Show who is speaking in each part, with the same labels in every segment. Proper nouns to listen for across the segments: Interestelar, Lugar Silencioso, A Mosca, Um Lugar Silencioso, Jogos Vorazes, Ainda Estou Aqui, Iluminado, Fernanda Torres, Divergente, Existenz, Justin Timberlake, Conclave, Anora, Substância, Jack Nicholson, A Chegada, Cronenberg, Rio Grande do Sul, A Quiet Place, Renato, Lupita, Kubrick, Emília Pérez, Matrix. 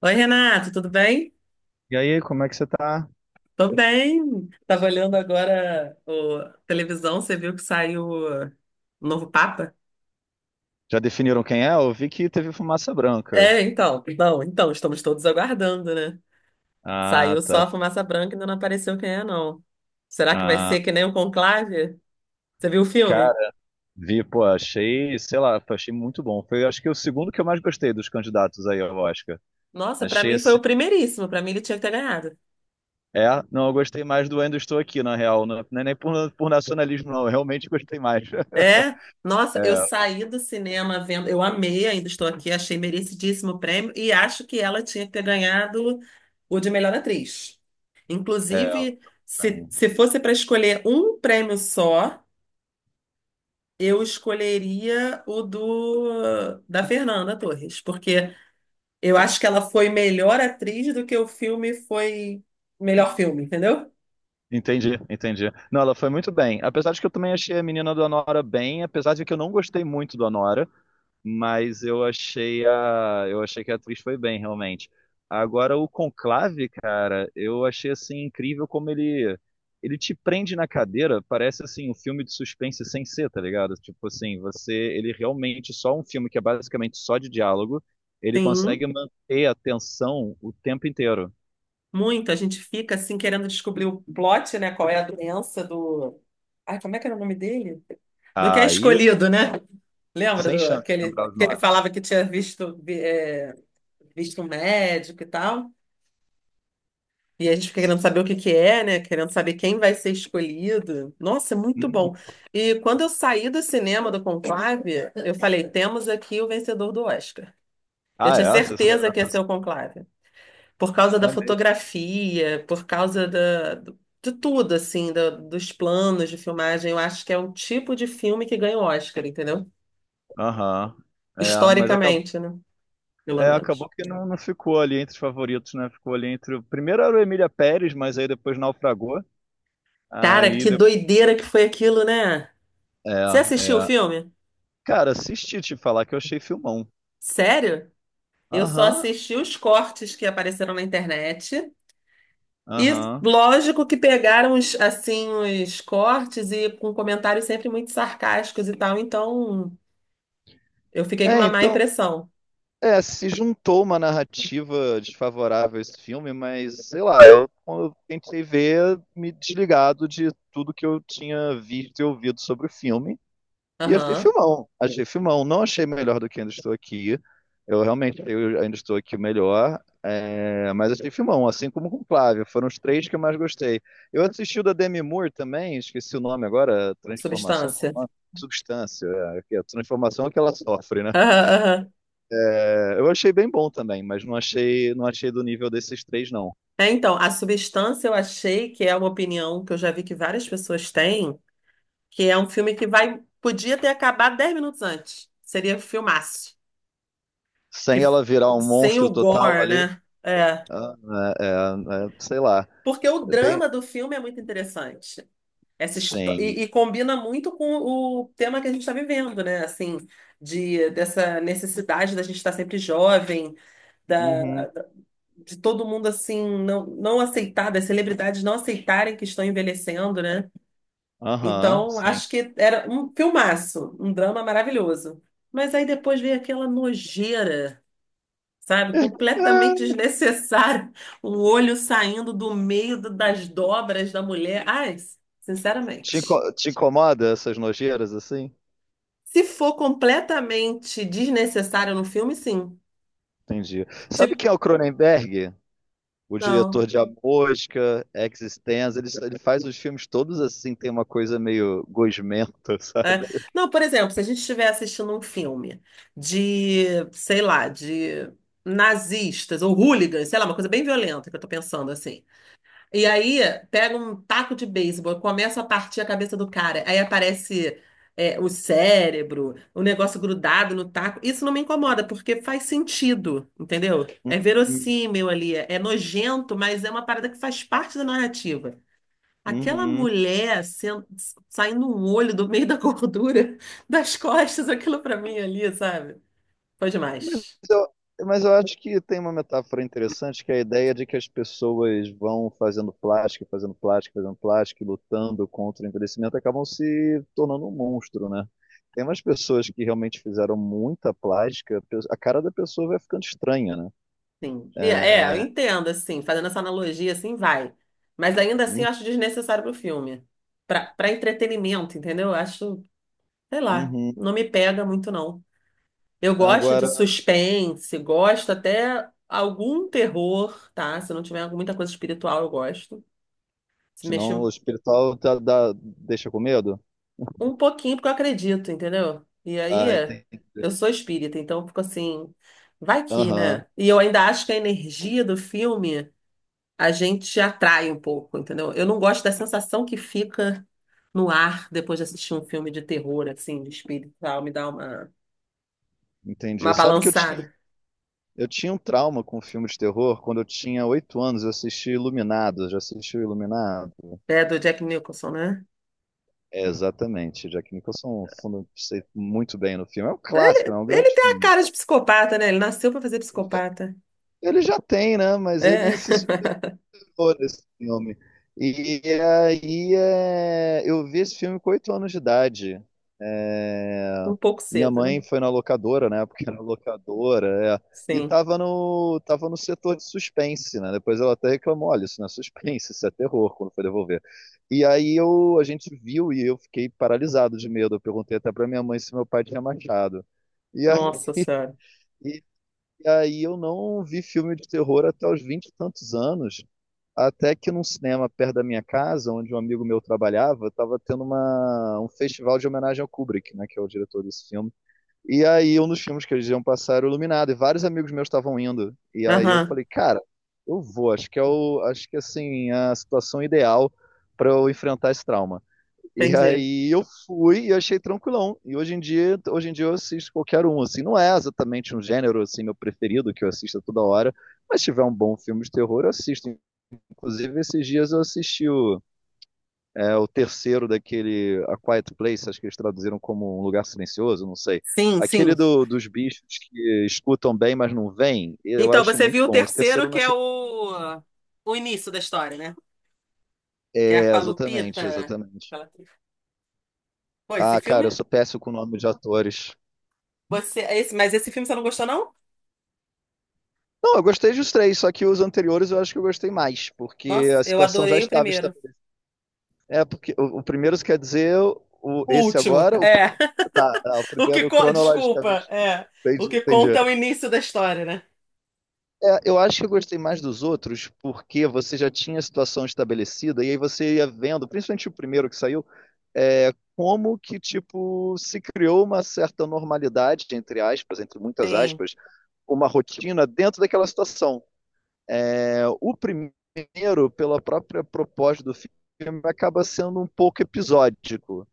Speaker 1: Oi, Renato, tudo bem?
Speaker 2: E aí, como é que você tá?
Speaker 1: Tô bem. Tava olhando agora o a televisão, você viu que saiu o novo Papa?
Speaker 2: Já definiram quem é? Eu vi que teve fumaça branca.
Speaker 1: É, então, não, então, estamos todos aguardando, né?
Speaker 2: Ah,
Speaker 1: Saiu só a
Speaker 2: tá.
Speaker 1: fumaça branca e ainda não apareceu quem é, não. Será que vai
Speaker 2: Ah,
Speaker 1: ser que nem o Conclave? Você viu o filme?
Speaker 2: cara, vi, pô, achei, sei lá, achei muito bom. Foi, acho que o segundo que eu mais gostei dos candidatos aí ao Oscar.
Speaker 1: Nossa, pra
Speaker 2: Achei
Speaker 1: mim foi
Speaker 2: esse.
Speaker 1: o primeiríssimo, pra mim ele tinha que ter ganhado.
Speaker 2: É, não, eu gostei mais do Ainda Estou Aqui, na real. Não, não é nem por nacionalismo, não. Eu realmente gostei mais.
Speaker 1: É, nossa, eu
Speaker 2: É,
Speaker 1: saí do cinema vendo, eu amei, ainda estou aqui, achei merecidíssimo o prêmio e acho que ela tinha que ter ganhado o de melhor atriz.
Speaker 2: é,
Speaker 1: Inclusive, se,
Speaker 2: tem.
Speaker 1: se fosse para escolher um prêmio só, eu escolheria o do da Fernanda Torres, porque eu acho que ela foi melhor atriz do que o filme foi melhor filme, entendeu?
Speaker 2: Entendi, entendi. Não, ela foi muito bem. Apesar de que eu também achei a menina do Anora bem, apesar de que eu não gostei muito do Anora. Mas eu achei que a atriz foi bem realmente. Agora o Conclave, cara, eu achei assim incrível como ele te prende na cadeira, parece assim um filme de suspense sem ser, tá ligado? Tipo assim, você ele realmente só um filme que é basicamente só de diálogo, ele
Speaker 1: Sim.
Speaker 2: consegue manter a tensão o tempo inteiro.
Speaker 1: Muito, a gente fica assim querendo descobrir o plot, né? Qual é a doença do. Ai, como é que era o nome dele? Do que é
Speaker 2: Aí,
Speaker 1: escolhido, né? Lembra
Speaker 2: sem
Speaker 1: do
Speaker 2: chance de lembrar os
Speaker 1: que ele
Speaker 2: nomes.
Speaker 1: falava que tinha visto, visto um médico e tal? E a gente fica querendo saber o que que é, né? Querendo saber quem vai ser escolhido. Nossa, é muito bom.
Speaker 2: Uhum.
Speaker 1: E quando eu saí do cinema do Conclave, eu falei: temos aqui o vencedor do Oscar. Eu
Speaker 2: Ah,
Speaker 1: tinha
Speaker 2: é, essa
Speaker 1: certeza
Speaker 2: cena,
Speaker 1: que ia ser o
Speaker 2: essa
Speaker 1: Conclave por causa da
Speaker 2: cena é mesmo.
Speaker 1: fotografia, por causa de tudo, assim, dos planos de filmagem. Eu acho que é o tipo de filme que ganha o Oscar, entendeu?
Speaker 2: Aham. É, mas acabou
Speaker 1: Historicamente, né? Pelo menos.
Speaker 2: Acabou que não, não ficou ali entre os favoritos, né? Ficou ali entre. Primeiro era o Emília Pérez, mas aí depois naufragou.
Speaker 1: Cara,
Speaker 2: Aí.
Speaker 1: que doideira que foi aquilo, né?
Speaker 2: É,
Speaker 1: Você assistiu o
Speaker 2: é.
Speaker 1: filme?
Speaker 2: Cara, assisti te falar que eu achei filmão.
Speaker 1: Sério? Eu só
Speaker 2: Aham,
Speaker 1: assisti os cortes que apareceram na internet. E
Speaker 2: aham.
Speaker 1: lógico que pegaram os, assim, os cortes e com comentários sempre muito sarcásticos e tal, então eu fiquei com
Speaker 2: É,
Speaker 1: uma má
Speaker 2: então.
Speaker 1: impressão.
Speaker 2: É, se juntou uma narrativa desfavorável a esse filme, mas sei lá, eu tentei ver me desligado de tudo que eu tinha visto e ouvido sobre o filme. E achei
Speaker 1: Aham.
Speaker 2: filmão, achei filmão. Não achei melhor do que ainda estou aqui. Eu ainda estou aqui o melhor, é, mas achei filmão, assim como com Flávia. Foram os três que eu mais gostei. Eu assisti o da Demi Moore também, esqueci o nome agora, Transformação, qual é
Speaker 1: Substância.
Speaker 2: o nome? Substância, é, que é a transformação é que ela sofre, né?
Speaker 1: Aham, aham.
Speaker 2: É, eu achei bem bom também, mas não achei do nível desses três, não.
Speaker 1: É, então, a substância eu achei que é uma opinião que eu já vi que várias pessoas têm, que é um filme que vai, podia ter acabado 10 minutos antes. Seria um filmaço. Que,
Speaker 2: Sem
Speaker 1: f-
Speaker 2: ela virar um
Speaker 1: sem
Speaker 2: monstro
Speaker 1: o
Speaker 2: total
Speaker 1: gore,
Speaker 2: ali,
Speaker 1: né? É.
Speaker 2: ah, é, é, é, sei lá.
Speaker 1: Porque o
Speaker 2: Bem,
Speaker 1: drama do filme é muito interessante. Essa histó-
Speaker 2: sim.
Speaker 1: e combina muito com o tema que a gente está vivendo, né? Assim, de, dessa necessidade da gente estar sempre jovem,
Speaker 2: Uhum,
Speaker 1: de todo mundo assim não, não aceitar, das celebridades não aceitarem que estão envelhecendo, né?
Speaker 2: aham,
Speaker 1: Então,
Speaker 2: sim.
Speaker 1: acho que era um filmaço, um drama maravilhoso. Mas aí depois veio aquela nojeira, sabe? Completamente
Speaker 2: Ah,
Speaker 1: desnecessária. O olho saindo do meio das dobras da mulher. Ai, sinceramente.
Speaker 2: Te incomoda essas nojeiras assim?
Speaker 1: Se for completamente desnecessário no filme, sim.
Speaker 2: Entendi. Sabe
Speaker 1: Tipo,
Speaker 2: quem é o Cronenberg? O
Speaker 1: não.
Speaker 2: diretor de A Mosca, Existenz, ele faz os filmes todos assim, tem uma coisa meio gosmenta,
Speaker 1: É.
Speaker 2: sabe?
Speaker 1: Não, por exemplo, se a gente estiver assistindo um filme de, sei lá, de nazistas ou hooligans, sei lá, uma coisa bem violenta que eu tô pensando assim. E aí pega um taco de beisebol, começa a partir a cabeça do cara, aí aparece o cérebro, o negócio grudado no taco. Isso não me incomoda, porque faz sentido, entendeu? É
Speaker 2: Uhum.
Speaker 1: verossímil ali, é nojento, mas é uma parada que faz parte da narrativa. Aquela
Speaker 2: Uhum.
Speaker 1: mulher saindo um olho do meio da gordura das costas, aquilo pra mim ali, sabe? Foi
Speaker 2: Mas
Speaker 1: demais.
Speaker 2: eu, mas eu acho que tem uma metáfora interessante, que é a ideia de que as pessoas vão fazendo plástico, fazendo plástico, fazendo plástico, e lutando contra o envelhecimento, acabam se tornando um monstro, né? Tem umas pessoas que realmente fizeram muita plástica, a cara da pessoa vai ficando estranha, né?
Speaker 1: Sim. E é, eu
Speaker 2: É,
Speaker 1: entendo, assim, fazendo essa analogia, assim, vai. Mas ainda assim,
Speaker 2: hum,
Speaker 1: eu acho desnecessário pro filme. Pra entretenimento, entendeu? Eu acho, sei lá,
Speaker 2: uhum.
Speaker 1: não me pega muito, não. Eu gosto de
Speaker 2: Agora,
Speaker 1: suspense, gosto até algum terror, tá? Se não tiver muita coisa espiritual, eu gosto. Se mexer,
Speaker 2: senão o espiritual deixa com medo?
Speaker 1: um pouquinho, porque eu acredito, entendeu? E aí,
Speaker 2: Ah, entendi.
Speaker 1: eu sou espírita, então eu fico assim, vai que,
Speaker 2: Aham,
Speaker 1: né? E eu ainda acho que a energia do filme a gente atrai um pouco, entendeu? Eu não gosto da sensação que fica no ar depois de assistir um filme de terror, assim, de espírito, e tal, me dá
Speaker 2: entendi.
Speaker 1: uma
Speaker 2: Sabe que eu tinha
Speaker 1: balançada.
Speaker 2: Eu tinha um trauma com filme de terror quando eu tinha 8 anos. Eu assisti Iluminado. Já assistiu Iluminado?
Speaker 1: É, do Jack Nicholson, né?
Speaker 2: É, exatamente. Jack Nicholson fundo, sei muito bem no filme. É um clássico, né?
Speaker 1: Ele,
Speaker 2: É um
Speaker 1: ele
Speaker 2: grande
Speaker 1: tem a
Speaker 2: filme.
Speaker 1: cara de psicopata, né? Ele nasceu pra fazer psicopata.
Speaker 2: Ele já tem, né? Mas ele
Speaker 1: É,
Speaker 2: se Adoro esse filme. E aí é, eu vi esse filme com 8 anos de idade. É,
Speaker 1: um pouco
Speaker 2: minha
Speaker 1: cedo, né?
Speaker 2: mãe foi na locadora, na época era locadora, é, e
Speaker 1: Sim.
Speaker 2: tava no setor de suspense, né? Depois ela até reclamou, olha, isso não é suspense, isso é terror, quando foi devolver. E aí a gente viu e eu fiquei paralisado de medo. Eu perguntei até pra minha mãe se meu pai tinha machado. E aí,
Speaker 1: Nossa Senhora.
Speaker 2: e aí eu não vi filme de terror até os vinte e tantos anos. Até que num cinema perto da minha casa, onde um amigo meu trabalhava, estava tendo um festival de homenagem ao Kubrick, né, que é o diretor desse filme. E aí um dos filmes que eles iam passar era o Iluminado, e vários amigos meus estavam indo. E aí eu
Speaker 1: Aham,
Speaker 2: falei, cara, eu vou, acho que assim, é a situação ideal para eu enfrentar esse trauma. E
Speaker 1: entendi.
Speaker 2: aí eu fui e achei tranquilão. E hoje em dia eu assisto qualquer um, assim, não é exatamente um gênero assim meu preferido que eu assisto toda hora, mas se tiver um bom filme de terror, eu assisto. Inclusive, esses dias eu assisti o terceiro daquele A Quiet Place, acho que eles traduziram como Um Lugar Silencioso, não sei.
Speaker 1: Sim,
Speaker 2: Aquele
Speaker 1: sim.
Speaker 2: dos bichos que escutam bem, mas não veem, eu
Speaker 1: Então,
Speaker 2: acho
Speaker 1: você
Speaker 2: muito
Speaker 1: viu o
Speaker 2: bom. Esse terceiro
Speaker 1: terceiro,
Speaker 2: eu não
Speaker 1: que é
Speaker 2: achei.
Speaker 1: o início da história, né? Que é
Speaker 2: É,
Speaker 1: com a Lupita.
Speaker 2: exatamente, exatamente.
Speaker 1: Ela- Pô, esse
Speaker 2: Ah, cara, eu
Speaker 1: filme.
Speaker 2: sou péssimo com o nome de atores.
Speaker 1: Você, é esse, mas esse filme você não gostou, não?
Speaker 2: Não, eu gostei dos três, só que os anteriores eu acho que eu gostei mais, porque
Speaker 1: Nossa,
Speaker 2: a
Speaker 1: eu
Speaker 2: situação já
Speaker 1: adorei o
Speaker 2: estava
Speaker 1: primeiro.
Speaker 2: estabelecida. É, porque o primeiro, quer dizer, o,
Speaker 1: O
Speaker 2: esse
Speaker 1: último,
Speaker 2: agora, o,
Speaker 1: é.
Speaker 2: tá, ah, o
Speaker 1: O que.
Speaker 2: primeiro
Speaker 1: Desculpa,
Speaker 2: cronologicamente.
Speaker 1: é. O
Speaker 2: Entendi,
Speaker 1: que conta
Speaker 2: entendi.
Speaker 1: é o início da história, né?
Speaker 2: É, eu acho que eu gostei mais dos outros, porque você já tinha a situação estabelecida, e aí você ia vendo, principalmente o primeiro que saiu, é, como que, tipo, se criou uma certa normalidade, entre aspas, entre muitas
Speaker 1: Sim.
Speaker 2: aspas, uma rotina dentro daquela situação. É, o primeiro, pela própria proposta do filme, acaba sendo um pouco episódico,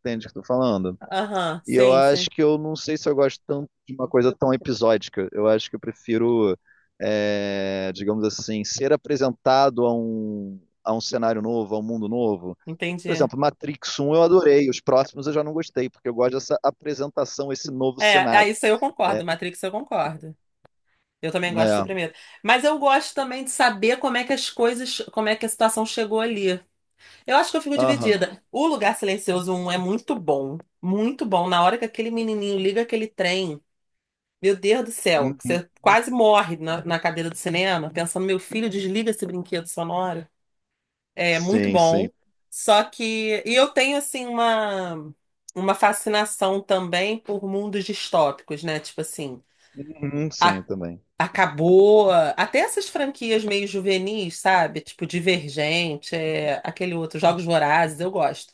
Speaker 2: entende o que eu tô falando?
Speaker 1: Aham,
Speaker 2: E eu
Speaker 1: sim,
Speaker 2: acho
Speaker 1: sim.
Speaker 2: que eu não sei se eu gosto tanto de uma coisa tão episódica. Eu acho que eu prefiro, é, digamos assim, ser apresentado a um, cenário novo, a um mundo novo. Por
Speaker 1: Entendi.
Speaker 2: exemplo, Matrix 1 eu adorei, os próximos eu já não gostei, porque eu gosto dessa apresentação, esse novo
Speaker 1: É, é,
Speaker 2: cenário.
Speaker 1: isso aí eu concordo.
Speaker 2: É,
Speaker 1: Matrix eu concordo. Eu também gosto do
Speaker 2: é.
Speaker 1: primeiro. Mas eu gosto também de saber como é que as coisas, como é que a situação chegou ali. Eu acho que eu fico
Speaker 2: Aham.
Speaker 1: dividida. O Lugar Silencioso um é muito bom. Muito bom. Na hora que aquele menininho liga aquele trem, meu Deus do céu, que
Speaker 2: Uhum.
Speaker 1: você quase morre na, na cadeira do cinema, pensando, meu filho, desliga esse brinquedo sonoro. É muito
Speaker 2: Sim, sim.
Speaker 1: bom. Só que. E eu tenho, assim, uma fascinação também por mundos distópicos, né? Tipo assim.
Speaker 2: Uhum,
Speaker 1: a-
Speaker 2: sim, também.
Speaker 1: Acabou. Até essas franquias meio juvenis, sabe? Tipo Divergente, aquele outro, Jogos Vorazes, eu gosto.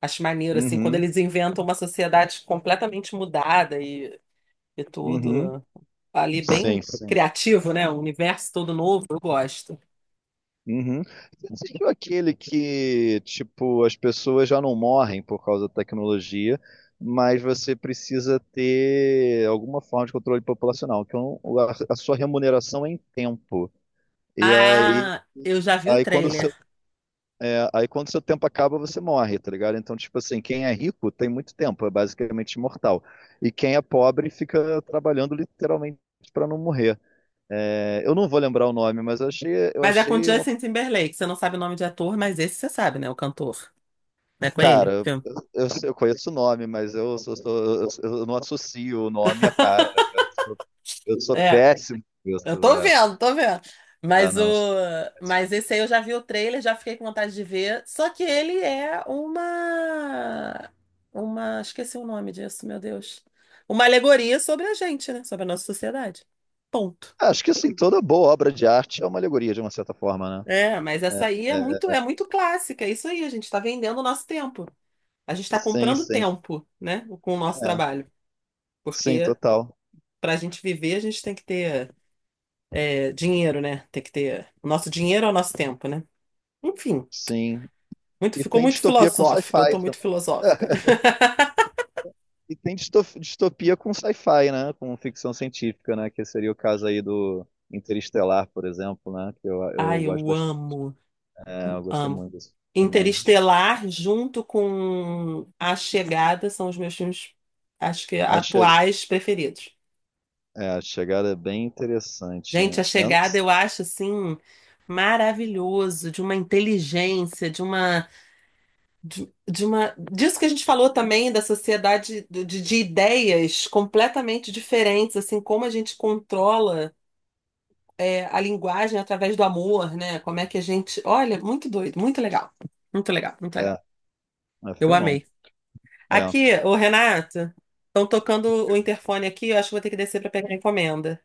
Speaker 1: Acho maneiro, assim, quando
Speaker 2: Uhum,
Speaker 1: eles inventam uma sociedade completamente mudada e
Speaker 2: uhum.
Speaker 1: tudo ali
Speaker 2: Sim,
Speaker 1: bem
Speaker 2: sim.
Speaker 1: criativo, né? Um universo todo novo, eu gosto.
Speaker 2: Uhum. Você seguiu aquele que, tipo, as pessoas já não morrem por causa da tecnologia, mas você precisa ter alguma forma de controle populacional, que é a sua remuneração é em tempo. E aí,
Speaker 1: Ah, eu já vi o
Speaker 2: aí quando o seu,
Speaker 1: trailer.
Speaker 2: Aí quando o seu tempo acaba, você morre, tá ligado? Então, tipo assim, quem é rico tem muito tempo, é basicamente imortal. E quem é pobre fica trabalhando literalmente para não morrer. É, eu não vou lembrar o nome, mas eu achei, eu
Speaker 1: Mas é com
Speaker 2: achei uma.
Speaker 1: Justin Timberlake, você não sabe o nome de ator, mas esse você sabe, né? O cantor. Não é com ele?
Speaker 2: Cara,
Speaker 1: O
Speaker 2: eu,
Speaker 1: filme?
Speaker 2: eu sei- eu conheço o nome, mas eu, sou- sou- eu não associo o nome à cara. Sou, eu sou
Speaker 1: É.
Speaker 2: péssimo com
Speaker 1: Eu
Speaker 2: isso.
Speaker 1: tô
Speaker 2: É,
Speaker 1: vendo, tô vendo. Mas o,
Speaker 2: não, sou péssimo.
Speaker 1: mas esse aí eu já vi o trailer, já fiquei com vontade de ver. Só que ele é uma, esqueci o nome disso, meu Deus. Uma alegoria sobre a gente, né? Sobre a nossa sociedade. Ponto.
Speaker 2: Ah, acho que assim, toda boa obra de arte é uma alegoria, de uma certa forma, né?
Speaker 1: É, mas essa aí
Speaker 2: É, é,
Speaker 1: é muito clássica. É isso aí, a gente está vendendo o nosso tempo. A gente está
Speaker 2: sim,
Speaker 1: comprando
Speaker 2: sim.
Speaker 1: tempo, né? Com o nosso
Speaker 2: É,
Speaker 1: trabalho.
Speaker 2: sim,
Speaker 1: Porque
Speaker 2: total.
Speaker 1: para a gente viver, a gente tem que ter dinheiro, né? Tem que ter. O nosso dinheiro é o nosso tempo, né? Enfim.
Speaker 2: Sim.
Speaker 1: Muito,
Speaker 2: E
Speaker 1: ficou
Speaker 2: tem
Speaker 1: muito
Speaker 2: distopia com
Speaker 1: filosófico, eu tô
Speaker 2: sci-fi
Speaker 1: muito
Speaker 2: também.
Speaker 1: filosófica.
Speaker 2: E tem distopia com sci-fi, né? Com ficção científica, né? Que seria o caso aí do Interestelar, por exemplo, né? Que eu
Speaker 1: Ai,
Speaker 2: gosto
Speaker 1: eu
Speaker 2: bastante.
Speaker 1: amo,
Speaker 2: É, eu gostei
Speaker 1: amo.
Speaker 2: muito disso também.
Speaker 1: Interestelar, junto com A Chegada, são os meus filmes, acho que atuais preferidos.
Speaker 2: É, a chegada é bem interessante. É,
Speaker 1: Gente, A
Speaker 2: eu não.
Speaker 1: Chegada eu acho assim maravilhoso, de uma inteligência, de uma, de uma, disso que a gente falou também da sociedade de ideias completamente diferentes, assim, como a gente controla a linguagem através do amor, né? Como é que a gente. Olha, muito doido, muito legal. Muito legal, muito legal.
Speaker 2: É, é
Speaker 1: Eu
Speaker 2: filmão.
Speaker 1: amei.
Speaker 2: É.
Speaker 1: Aqui, ô Renato, estão tocando o interfone aqui, eu acho que vou ter que descer para pegar a encomenda.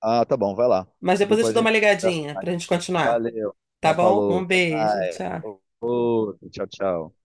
Speaker 2: Ah, tá bom, vai lá.
Speaker 1: Mas depois eu te
Speaker 2: Depois a
Speaker 1: dou uma
Speaker 2: gente conversa.
Speaker 1: ligadinha pra gente continuar,
Speaker 2: Valeu.
Speaker 1: tá
Speaker 2: Tá,
Speaker 1: bom?
Speaker 2: falou.
Speaker 1: Um
Speaker 2: Até
Speaker 1: beijo,
Speaker 2: mais.
Speaker 1: tchau.
Speaker 2: Outro. Tchau, tchau.